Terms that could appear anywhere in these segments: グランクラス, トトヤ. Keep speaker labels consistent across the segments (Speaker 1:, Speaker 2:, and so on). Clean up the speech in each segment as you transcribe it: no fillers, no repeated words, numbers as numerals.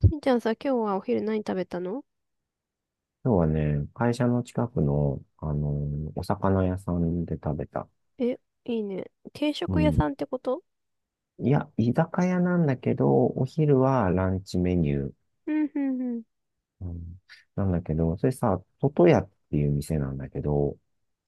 Speaker 1: しんちゃんさ、今日はお昼何食べたの？
Speaker 2: 今日はね、会社の近くの、お魚屋さんで食べた。
Speaker 1: え、いいね。定
Speaker 2: う
Speaker 1: 食屋
Speaker 2: ん。
Speaker 1: さんってこと？
Speaker 2: いや、居酒屋なんだけど、お昼はランチメニュー。
Speaker 1: うん、うん、うん。
Speaker 2: うん、なんだけど、それさ、トトヤっていう店なんだけど、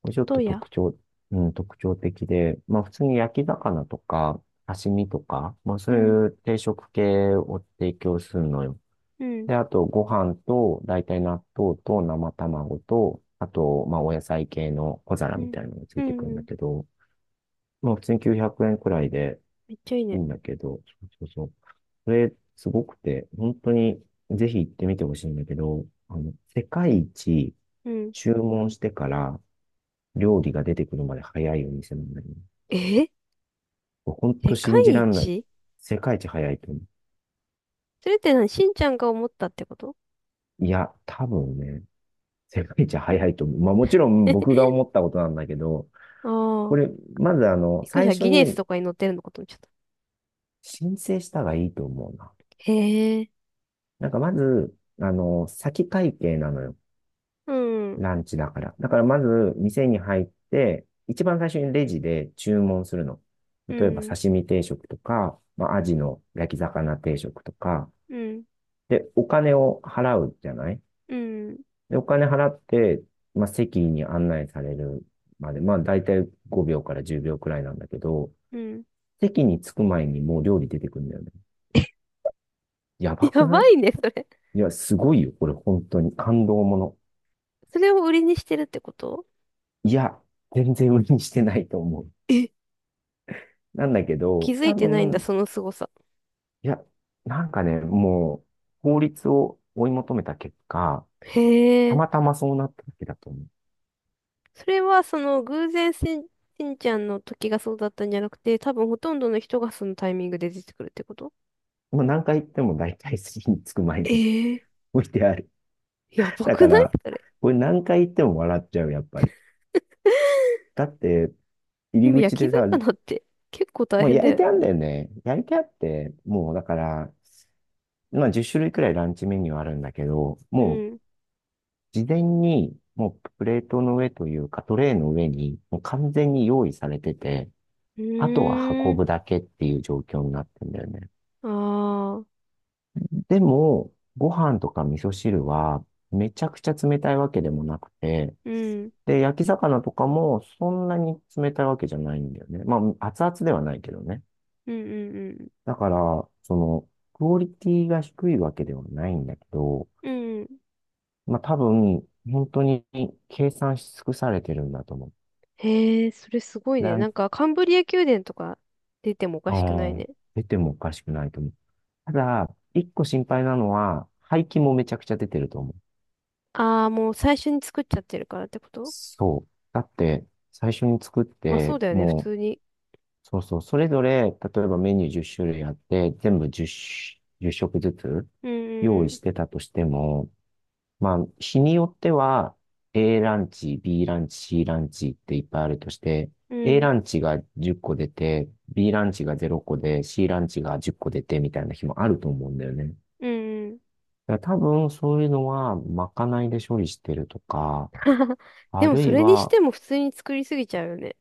Speaker 2: これちょっ
Speaker 1: ど
Speaker 2: と
Speaker 1: うや？
Speaker 2: うん、特徴的で、まあ普通に焼き魚とか、刺身とか、まあ
Speaker 1: う
Speaker 2: そう
Speaker 1: ん、
Speaker 2: いう定食系を提供するのよ。
Speaker 1: うん、
Speaker 2: で、あと、ご飯と、大体納豆と生卵と、あと、まあ、お野菜系の小皿
Speaker 1: う
Speaker 2: み
Speaker 1: ん、
Speaker 2: たいなのがつ
Speaker 1: う
Speaker 2: いてく
Speaker 1: ん。
Speaker 2: るん
Speaker 1: う
Speaker 2: だ
Speaker 1: ん。
Speaker 2: けど、まあ、普通に900円くえんくらいで
Speaker 1: めっちゃいい
Speaker 2: いい
Speaker 1: ね。
Speaker 2: んだけど、そうそうそう。すごくて、本当に、ぜひ行ってみてほしいんだけど、世界一
Speaker 1: うん。
Speaker 2: 注文してから料理が出てくるまで早いお店なんだよね。
Speaker 1: え？
Speaker 2: 本
Speaker 1: 世
Speaker 2: 当信じ
Speaker 1: 界
Speaker 2: らんない。
Speaker 1: 一？
Speaker 2: 世界一早いと思
Speaker 1: それって何しんちゃんが思ったってこと？
Speaker 2: う。いや、多分ね、世界一早いと思う。まあもちろん僕が 思ったことなんだけど、
Speaker 1: あ
Speaker 2: これ、
Speaker 1: あ。
Speaker 2: まず
Speaker 1: びっくりし
Speaker 2: 最
Speaker 1: た。
Speaker 2: 初
Speaker 1: ギネス
Speaker 2: に
Speaker 1: とかに載ってるのかと思っちゃった。
Speaker 2: 申請した方がいいと思うな。
Speaker 1: へえ。
Speaker 2: なんかまず、先会計なのよ。
Speaker 1: うん、うん、
Speaker 2: ランチだから。だからまず、店に入って、一番最初にレジで注文するの。
Speaker 1: う
Speaker 2: 例えば、
Speaker 1: ん、
Speaker 2: 刺身定食とか、まあ、アジの焼き魚定食とか。で、お金を払うじゃない？
Speaker 1: うん、
Speaker 2: で、お金払って、まあ、席に案内されるまで、まあ、だいたい5秒から10秒くらいなんだけど、
Speaker 1: うん。
Speaker 2: 席に着く前にもう料理出てくるんだよね。やば
Speaker 1: や
Speaker 2: く
Speaker 1: ば
Speaker 2: ない？
Speaker 1: いね、それ。
Speaker 2: いや、すごいよ。これ本当に感動もの。
Speaker 1: それを売りにしてるってこと？
Speaker 2: いや、全然売りにしてないと思う。
Speaker 1: え？
Speaker 2: なんだけ
Speaker 1: 気
Speaker 2: ど、
Speaker 1: づ
Speaker 2: 多
Speaker 1: いてないんだ、
Speaker 2: 分、
Speaker 1: その凄さ。
Speaker 2: いや、なんかね、もう、法律を追い求めた結果、
Speaker 1: へ
Speaker 2: た
Speaker 1: え。
Speaker 2: またまそうなっただけだと思
Speaker 1: それはその偶然しん、しんちゃんの時がそうだったんじゃなくて、多分ほとんどの人がそのタイミングで出てくるってこと？
Speaker 2: う。もう何回言っても大体筋につく前に
Speaker 1: ええ？
Speaker 2: 置いてある。
Speaker 1: ー、やば
Speaker 2: だか
Speaker 1: くない
Speaker 2: ら、
Speaker 1: それ。
Speaker 2: これ何回言っても笑っちゃう、やっぱり。だって、入
Speaker 1: で
Speaker 2: り
Speaker 1: も
Speaker 2: 口
Speaker 1: 焼き
Speaker 2: でさ、
Speaker 1: 魚って結構大
Speaker 2: もう
Speaker 1: 変だ
Speaker 2: 焼い
Speaker 1: よ
Speaker 2: て
Speaker 1: ね。
Speaker 2: あるんだよね。焼いてあって、もうだから、まあ10種類くらいランチメニューあるんだけど、
Speaker 1: う
Speaker 2: もう
Speaker 1: ん。
Speaker 2: 事前に、もうプレートの上というか、トレイの上に、もう完全に用意されてて、
Speaker 1: う
Speaker 2: あとは
Speaker 1: ー
Speaker 2: 運
Speaker 1: ん。
Speaker 2: ぶだけっていう状況になってんだよね。
Speaker 1: ああ。
Speaker 2: でも、ご飯とか味噌汁は、めちゃくちゃ冷たいわけでもなくて、
Speaker 1: うん。
Speaker 2: で、焼き魚とかもそんなに冷たいわけじゃないんだよね。まあ、熱々ではないけどね。
Speaker 1: うんうん
Speaker 2: だから、その、クオリティが低いわけではないんだけど、
Speaker 1: うん。うん。
Speaker 2: まあ多分、本当に計算し尽くされてるんだと思う。
Speaker 1: へえ、それすごい
Speaker 2: ラ
Speaker 1: ね。な
Speaker 2: ン
Speaker 1: んかカンブリア宮殿とか出てもおか
Speaker 2: あ
Speaker 1: しくない
Speaker 2: あ、
Speaker 1: ね。
Speaker 2: 出てもおかしくないと思う。ただ、一個心配なのは、廃棄もめちゃくちゃ出てると思う。
Speaker 1: ああ、もう最初に作っちゃってるからってこと？
Speaker 2: そう。だって、最初に作っ
Speaker 1: まあそう
Speaker 2: て、
Speaker 1: だよね、普
Speaker 2: もう、
Speaker 1: 通に。
Speaker 2: そうそう、それぞれ、例えばメニュー10種類あって、全部10じゅう食ずつ
Speaker 1: うん
Speaker 2: 用
Speaker 1: う
Speaker 2: 意し
Speaker 1: ん
Speaker 2: てたとしても、まあ、日によっては、A ランチ、B ランチ、C ランチっていっぱいあるとして、
Speaker 1: うん。
Speaker 2: A
Speaker 1: うん。
Speaker 2: ランチが10個出て、B ランチが0個で、C ランチが10個出てみたいな日もあると思うんだよね。
Speaker 1: うんうん。
Speaker 2: だから多分そういうのはまかないで処理してるとか、
Speaker 1: で
Speaker 2: あ
Speaker 1: も
Speaker 2: る
Speaker 1: そ
Speaker 2: い
Speaker 1: れにし
Speaker 2: は
Speaker 1: ても普通に作りすぎちゃうよね。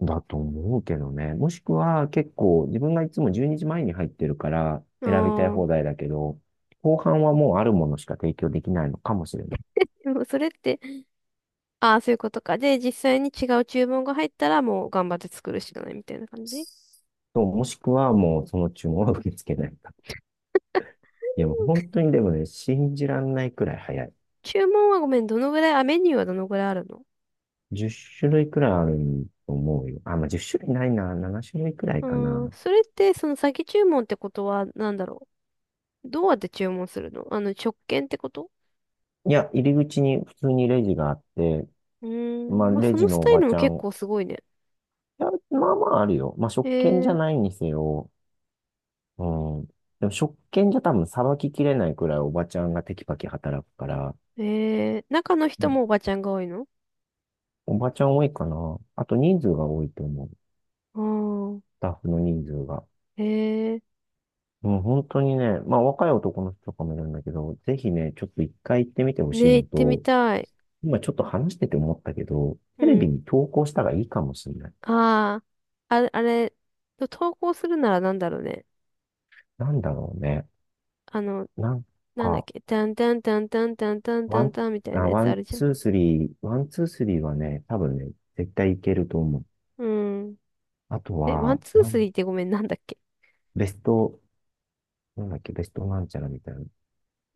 Speaker 2: だと思うけどね。もしくは結構自分がいつも12時前にじまえに入ってるから
Speaker 1: あ
Speaker 2: 選びたい
Speaker 1: ー。
Speaker 2: 放題だけど、後半はもうあるものしか提供できないのかもしれない。
Speaker 1: でもそれって、ああ、そういうことか。で、実際に違う注文が入ったらもう頑張って作るしかないみたいな感じ？
Speaker 2: そう、もしくはもうその注文は受け付けないか。いや、もう本当にでもね、信じらんないくらい早い。
Speaker 1: 注文はごめん、どのぐらい、あ、メニューはどのぐらいあるの？
Speaker 2: 10種類くらいあると思うよ。あ、まあ、10種類ないな。7種類くらい
Speaker 1: う
Speaker 2: か
Speaker 1: ーん、
Speaker 2: な。
Speaker 1: それって、その先注文ってことは、なんだろう。どうやって注文するの？あの、直券ってこと？
Speaker 2: いや、入り口に普通にレジがあって、
Speaker 1: うー
Speaker 2: まあ、
Speaker 1: ん、まあ、
Speaker 2: レ
Speaker 1: そ
Speaker 2: ジ
Speaker 1: のス
Speaker 2: のお
Speaker 1: タイ
Speaker 2: ば
Speaker 1: ルも
Speaker 2: ちゃ
Speaker 1: 結
Speaker 2: ん。
Speaker 1: 構すごいね。
Speaker 2: いや、まあまああるよ。まあ、
Speaker 1: え
Speaker 2: 食券じゃ
Speaker 1: ー、
Speaker 2: ないにせよ。うん。でも、食券じゃ多分さばききれないくらいおばちゃんがテキパキ働くから、
Speaker 1: えー、中の
Speaker 2: う
Speaker 1: 人
Speaker 2: ん、
Speaker 1: もおばちゃんが多いの？
Speaker 2: おばちゃん多いかな。あと人数が多いと思う。ス
Speaker 1: ああー、
Speaker 2: タッフの人数が。
Speaker 1: えー、
Speaker 2: うん、本当にね、まあ若い男の人とかもいるんだけど、ぜひね、ちょっと一回行ってみてほしい
Speaker 1: ねえ、
Speaker 2: の
Speaker 1: 行ってみ
Speaker 2: と、
Speaker 1: たい。
Speaker 2: 今ちょっと話してて思ったけど、
Speaker 1: う
Speaker 2: テレビ
Speaker 1: ん。
Speaker 2: に投稿したらいいかもしれない。
Speaker 1: ああ、あれ、あれ、投稿するならなんだろうね。
Speaker 2: なんだろうね。
Speaker 1: あの、
Speaker 2: なん
Speaker 1: なんだっ
Speaker 2: か、
Speaker 1: け、タンタンタンタンタンタン
Speaker 2: ワ
Speaker 1: タン
Speaker 2: ン、
Speaker 1: タンみたいなや
Speaker 2: ワ
Speaker 1: つあ
Speaker 2: ン、
Speaker 1: るじゃん。
Speaker 2: ツー、スリー、ワン、ツー、スリーはね、多分ね、絶対いけると思う。
Speaker 1: うん。
Speaker 2: あと
Speaker 1: え、ワン
Speaker 2: は、
Speaker 1: ツースリーってごめん、なんだっけ。
Speaker 2: ベスト、なんだっけ、ベストなんちゃらみたいな。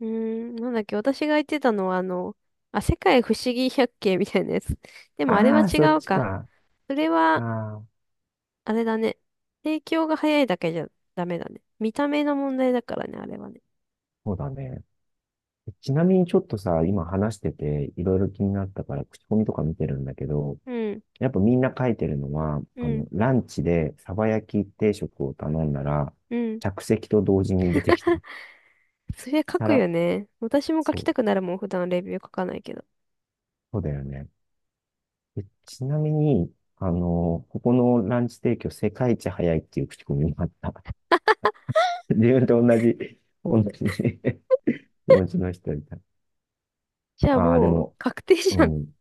Speaker 1: うーん、なんだっけ、私が言ってたのはあの、あ、世界不思議百景みたいなやつ。でもあれは
Speaker 2: ああ、
Speaker 1: 違
Speaker 2: そっ
Speaker 1: う
Speaker 2: ち
Speaker 1: か。
Speaker 2: か。
Speaker 1: それ
Speaker 2: あ
Speaker 1: は、
Speaker 2: あ、
Speaker 1: あれだね。提供が早いだけじゃダメだね。見た目の問題だからね、あれはね。
Speaker 2: そうだね。ちなみにちょっとさ、今話してて、いろいろ気になったから、口コミとか見てるんだけど、
Speaker 1: うん、
Speaker 2: やっぱみんな書いてるのは、
Speaker 1: うん、
Speaker 2: ランチでサバ焼き定食を頼んだら、
Speaker 1: うん。
Speaker 2: 着席と同時に出てきた。
Speaker 1: それ書くよ
Speaker 2: 皿、
Speaker 1: ね。私も書
Speaker 2: そ
Speaker 1: き
Speaker 2: う、
Speaker 1: たくなるもん、普段レビュー書かないけど。
Speaker 2: そうだよね。でちなみに、ここのランチ提供世界一早いっていう口コミもあった。自分と同じ 気持ちの人いた。
Speaker 1: じゃあ
Speaker 2: ああ、で
Speaker 1: もう、
Speaker 2: も、
Speaker 1: 確定じ
Speaker 2: う
Speaker 1: ゃん。
Speaker 2: ん、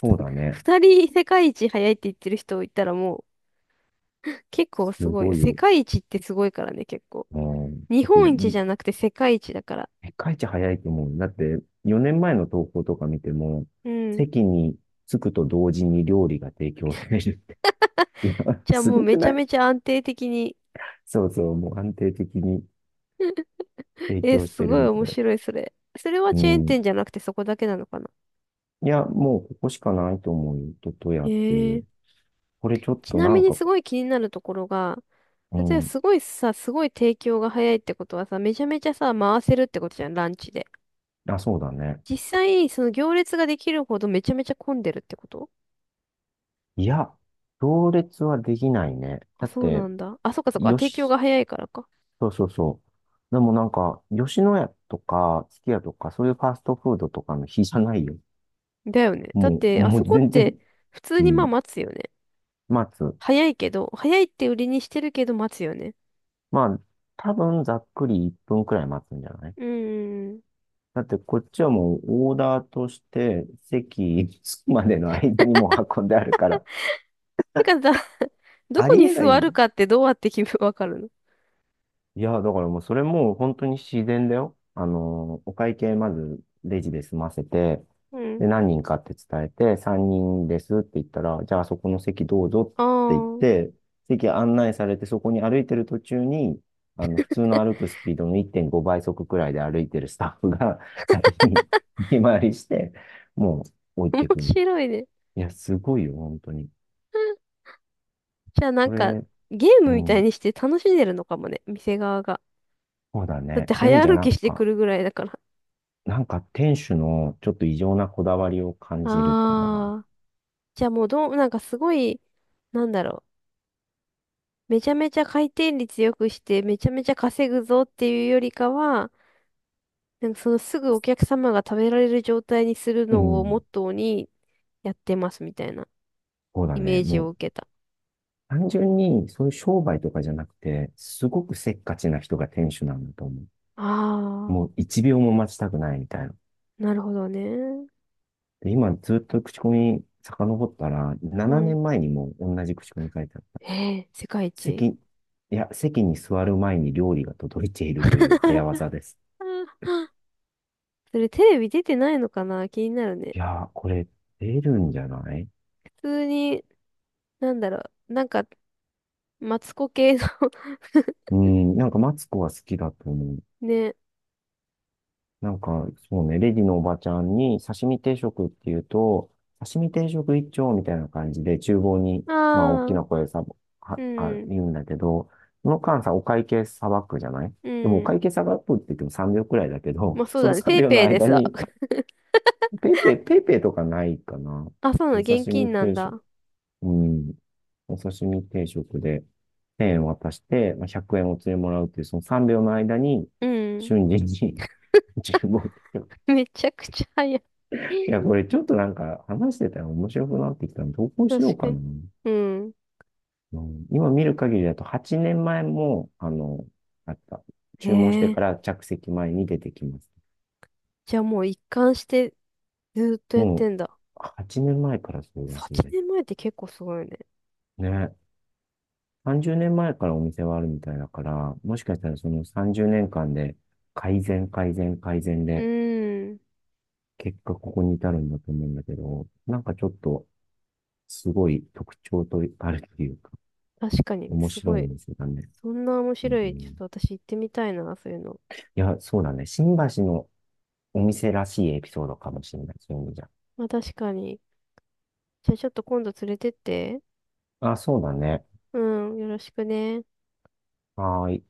Speaker 2: そう だね。
Speaker 1: ふた二人世界一早いって言ってる人いたらもう、結構
Speaker 2: す
Speaker 1: すごいよ。
Speaker 2: ごい
Speaker 1: 世
Speaker 2: よ。
Speaker 1: 界一ってすごいからね、結構。
Speaker 2: うん、だ
Speaker 1: 日
Speaker 2: って、
Speaker 1: 本一じゃなくて世界一だから。
Speaker 2: 世界一早いと思う。だって、4年前の投稿とか見ても、
Speaker 1: うん。
Speaker 2: 席に着くと同時に料理が提供されるって。いや、
Speaker 1: じゃあ
Speaker 2: す
Speaker 1: もう
Speaker 2: ごく
Speaker 1: めち
Speaker 2: な
Speaker 1: ゃ
Speaker 2: い？
Speaker 1: めちゃ安定的に。
Speaker 2: そうそう、もう安定的に提
Speaker 1: え、
Speaker 2: 供し
Speaker 1: す
Speaker 2: て
Speaker 1: ご
Speaker 2: る
Speaker 1: い
Speaker 2: み
Speaker 1: 面
Speaker 2: たい。
Speaker 1: 白い、それ。それは
Speaker 2: う
Speaker 1: チェーン
Speaker 2: ん。
Speaker 1: 店じゃなくてそこだけなのかな。
Speaker 2: いや、もうここしかないと思うよ。ととやってい
Speaker 1: へえ。
Speaker 2: う。これちょっ
Speaker 1: ち
Speaker 2: と
Speaker 1: な
Speaker 2: な
Speaker 1: み
Speaker 2: ん
Speaker 1: に
Speaker 2: か、
Speaker 1: すごい気になるところが、
Speaker 2: う
Speaker 1: 例えば
Speaker 2: ん、
Speaker 1: すごいさ、すごい提供が早いってことはさ、めちゃめちゃさ、回せるってことじゃん、ランチで。
Speaker 2: あ、そうだね。
Speaker 1: 実際、その行列ができるほどめちゃめちゃ混んでるってこと？
Speaker 2: いや、行列はできないね。
Speaker 1: あ、
Speaker 2: だっ
Speaker 1: そう
Speaker 2: て、
Speaker 1: なんだ。あ、そっかそっか。
Speaker 2: よ
Speaker 1: 提供
Speaker 2: し、
Speaker 1: が早いからか。
Speaker 2: そうそうそう。でもなんか、吉野家とか、すき家とか、そういうファストフードとかの日じゃないよ。
Speaker 1: だよね。だっ
Speaker 2: もう、
Speaker 1: て、あ
Speaker 2: も
Speaker 1: そ
Speaker 2: う
Speaker 1: こっ
Speaker 2: 全然、
Speaker 1: て普通
Speaker 2: う
Speaker 1: にまあ
Speaker 2: ん、
Speaker 1: 待つよね。
Speaker 2: 待つ。
Speaker 1: 早いけど、早いって売りにしてるけど待つよね。
Speaker 2: まあ、多分ざっくり1分くらい待つんじゃない？
Speaker 1: うーん。
Speaker 2: だってこっちはもうオーダーとして席 着くまでの間にもう運んであるから、
Speaker 1: てかさ、ど
Speaker 2: あ
Speaker 1: こ
Speaker 2: り
Speaker 1: に
Speaker 2: えない
Speaker 1: 座
Speaker 2: んだ
Speaker 1: る
Speaker 2: よ。
Speaker 1: かってどうやって決め、わかるの？
Speaker 2: いや、だからもうそれもう本当に自然だよ。お会計まずレジで済ませて、
Speaker 1: うん。
Speaker 2: で、何人かって伝えて、3人ですって言ったら、じゃあそこの席どうぞ
Speaker 1: あ
Speaker 2: って言っ
Speaker 1: あ、
Speaker 2: て、席案内されて、そこに歩いてる途中に、普通の歩くスピードの1.5倍速くらいで歩いてるスタッフが 先に見回りして、もう置い
Speaker 1: 面
Speaker 2: てくの。い
Speaker 1: 白いね。
Speaker 2: や、すごいよ、本当に。
Speaker 1: じゃあな
Speaker 2: こ
Speaker 1: んか、
Speaker 2: れ、
Speaker 1: ゲー
Speaker 2: う
Speaker 1: ムみたい
Speaker 2: ん、
Speaker 1: にして楽しんでるのかもね。店側が。
Speaker 2: そうだ
Speaker 1: だっ
Speaker 2: ね。
Speaker 1: て
Speaker 2: そういう意味
Speaker 1: 早
Speaker 2: じゃ
Speaker 1: 歩
Speaker 2: なん
Speaker 1: きしてく
Speaker 2: か、
Speaker 1: るぐらいだから。
Speaker 2: なんか店主のちょっと異常なこだわりを感じるかな。
Speaker 1: ああ。じゃあもうどう、なんかすごい、なんだろう。めちゃめちゃ回転率良くして、めちゃめちゃ稼ぐぞっていうよりかは、なんかそのすぐお客様が食べられる状態にする
Speaker 2: う
Speaker 1: のをモ
Speaker 2: ん。
Speaker 1: ットーにやってますみたいな
Speaker 2: そうだ
Speaker 1: イメ
Speaker 2: ね。
Speaker 1: ージ
Speaker 2: も
Speaker 1: を
Speaker 2: う
Speaker 1: 受けた。
Speaker 2: 単純にそういう商売とかじゃなくて、すごくせっかちな人が店主なんだと思う。
Speaker 1: ああ、
Speaker 2: もう1秒も待ちたくないみたいな。
Speaker 1: なるほどね。
Speaker 2: で、今ずっと口コミ遡ったら、
Speaker 1: う
Speaker 2: 7
Speaker 1: ん。
Speaker 2: 年前にも同じ口コミ書いてあった。
Speaker 1: ええ、世界一。
Speaker 2: いや、席に座る前に料理が届いているという早 技です。
Speaker 1: それテレビ出てないのかな気になるね。
Speaker 2: いやー、これ出るんじゃない？
Speaker 1: 普通に、なんだろう。なんか、マツコ系の。
Speaker 2: うん、なんかマツコは好きだと思う。
Speaker 1: ね。
Speaker 2: なんか、そうね、レディのおばちゃんに刺身定食っていうと、刺身定食一丁みたいな感じで、厨房に、まあ、大き
Speaker 1: ああ、
Speaker 2: な声でさ、
Speaker 1: うん、
Speaker 2: 言うんだけど、その間さ、お会計さばくじゃない？
Speaker 1: う
Speaker 2: でも、お
Speaker 1: ん。
Speaker 2: 会計さばくって言っても3秒くらいだけ
Speaker 1: ま
Speaker 2: ど、
Speaker 1: あ そう
Speaker 2: その
Speaker 1: だね。ペイ
Speaker 2: 3秒の
Speaker 1: ペイで
Speaker 2: 間
Speaker 1: さ。
Speaker 2: に、ペイペイとかないかな。
Speaker 1: あ、そうなの、
Speaker 2: お
Speaker 1: 現
Speaker 2: 刺身
Speaker 1: 金なん
Speaker 2: 定食。
Speaker 1: だ。
Speaker 2: うん。お刺身定食で、1渡して、まあ、100円お釣りもらうっていう、その3秒の間に、
Speaker 1: うん。
Speaker 2: 瞬時に、15。
Speaker 1: めちゃくちゃ早い。
Speaker 2: いや、こ れちょっとなんか話してたら面白くなってきたので、投稿しよ
Speaker 1: 確
Speaker 2: うか
Speaker 1: かに。
Speaker 2: な。
Speaker 1: うん。
Speaker 2: うん、今見る限りだと8年前も、あった。
Speaker 1: へ
Speaker 2: 注文してか
Speaker 1: え。
Speaker 2: ら着席前に出てきます。
Speaker 1: じゃあもう一貫してずーっとやっ
Speaker 2: も
Speaker 1: て
Speaker 2: う、
Speaker 1: んだ。
Speaker 2: 8年前からそうらし
Speaker 1: 8
Speaker 2: いです。
Speaker 1: 年前って結構すごいよね。
Speaker 2: ね。30年前からお店はあるみたいだから、もしかしたらその30年間で改善、改善、改善
Speaker 1: う
Speaker 2: で、
Speaker 1: ーん。
Speaker 2: 結果ここに至るんだと思うんだけど、なんかちょっと、すごい特徴とあるっていうか、
Speaker 1: 確かに、
Speaker 2: 面
Speaker 1: す
Speaker 2: 白い
Speaker 1: ご
Speaker 2: お
Speaker 1: い。
Speaker 2: 店だね。
Speaker 1: そんな面
Speaker 2: う
Speaker 1: 白い。ちょっ
Speaker 2: ん、
Speaker 1: と私行ってみたいな、そういうの。
Speaker 2: いや、そうだね。新橋のお店らしいエピソードかもしれない。そういう意味じゃ。
Speaker 1: まあ確かに。じゃあちょっと今度連れてって。
Speaker 2: あ、そうだね。
Speaker 1: うん、よろしくね。
Speaker 2: はーい。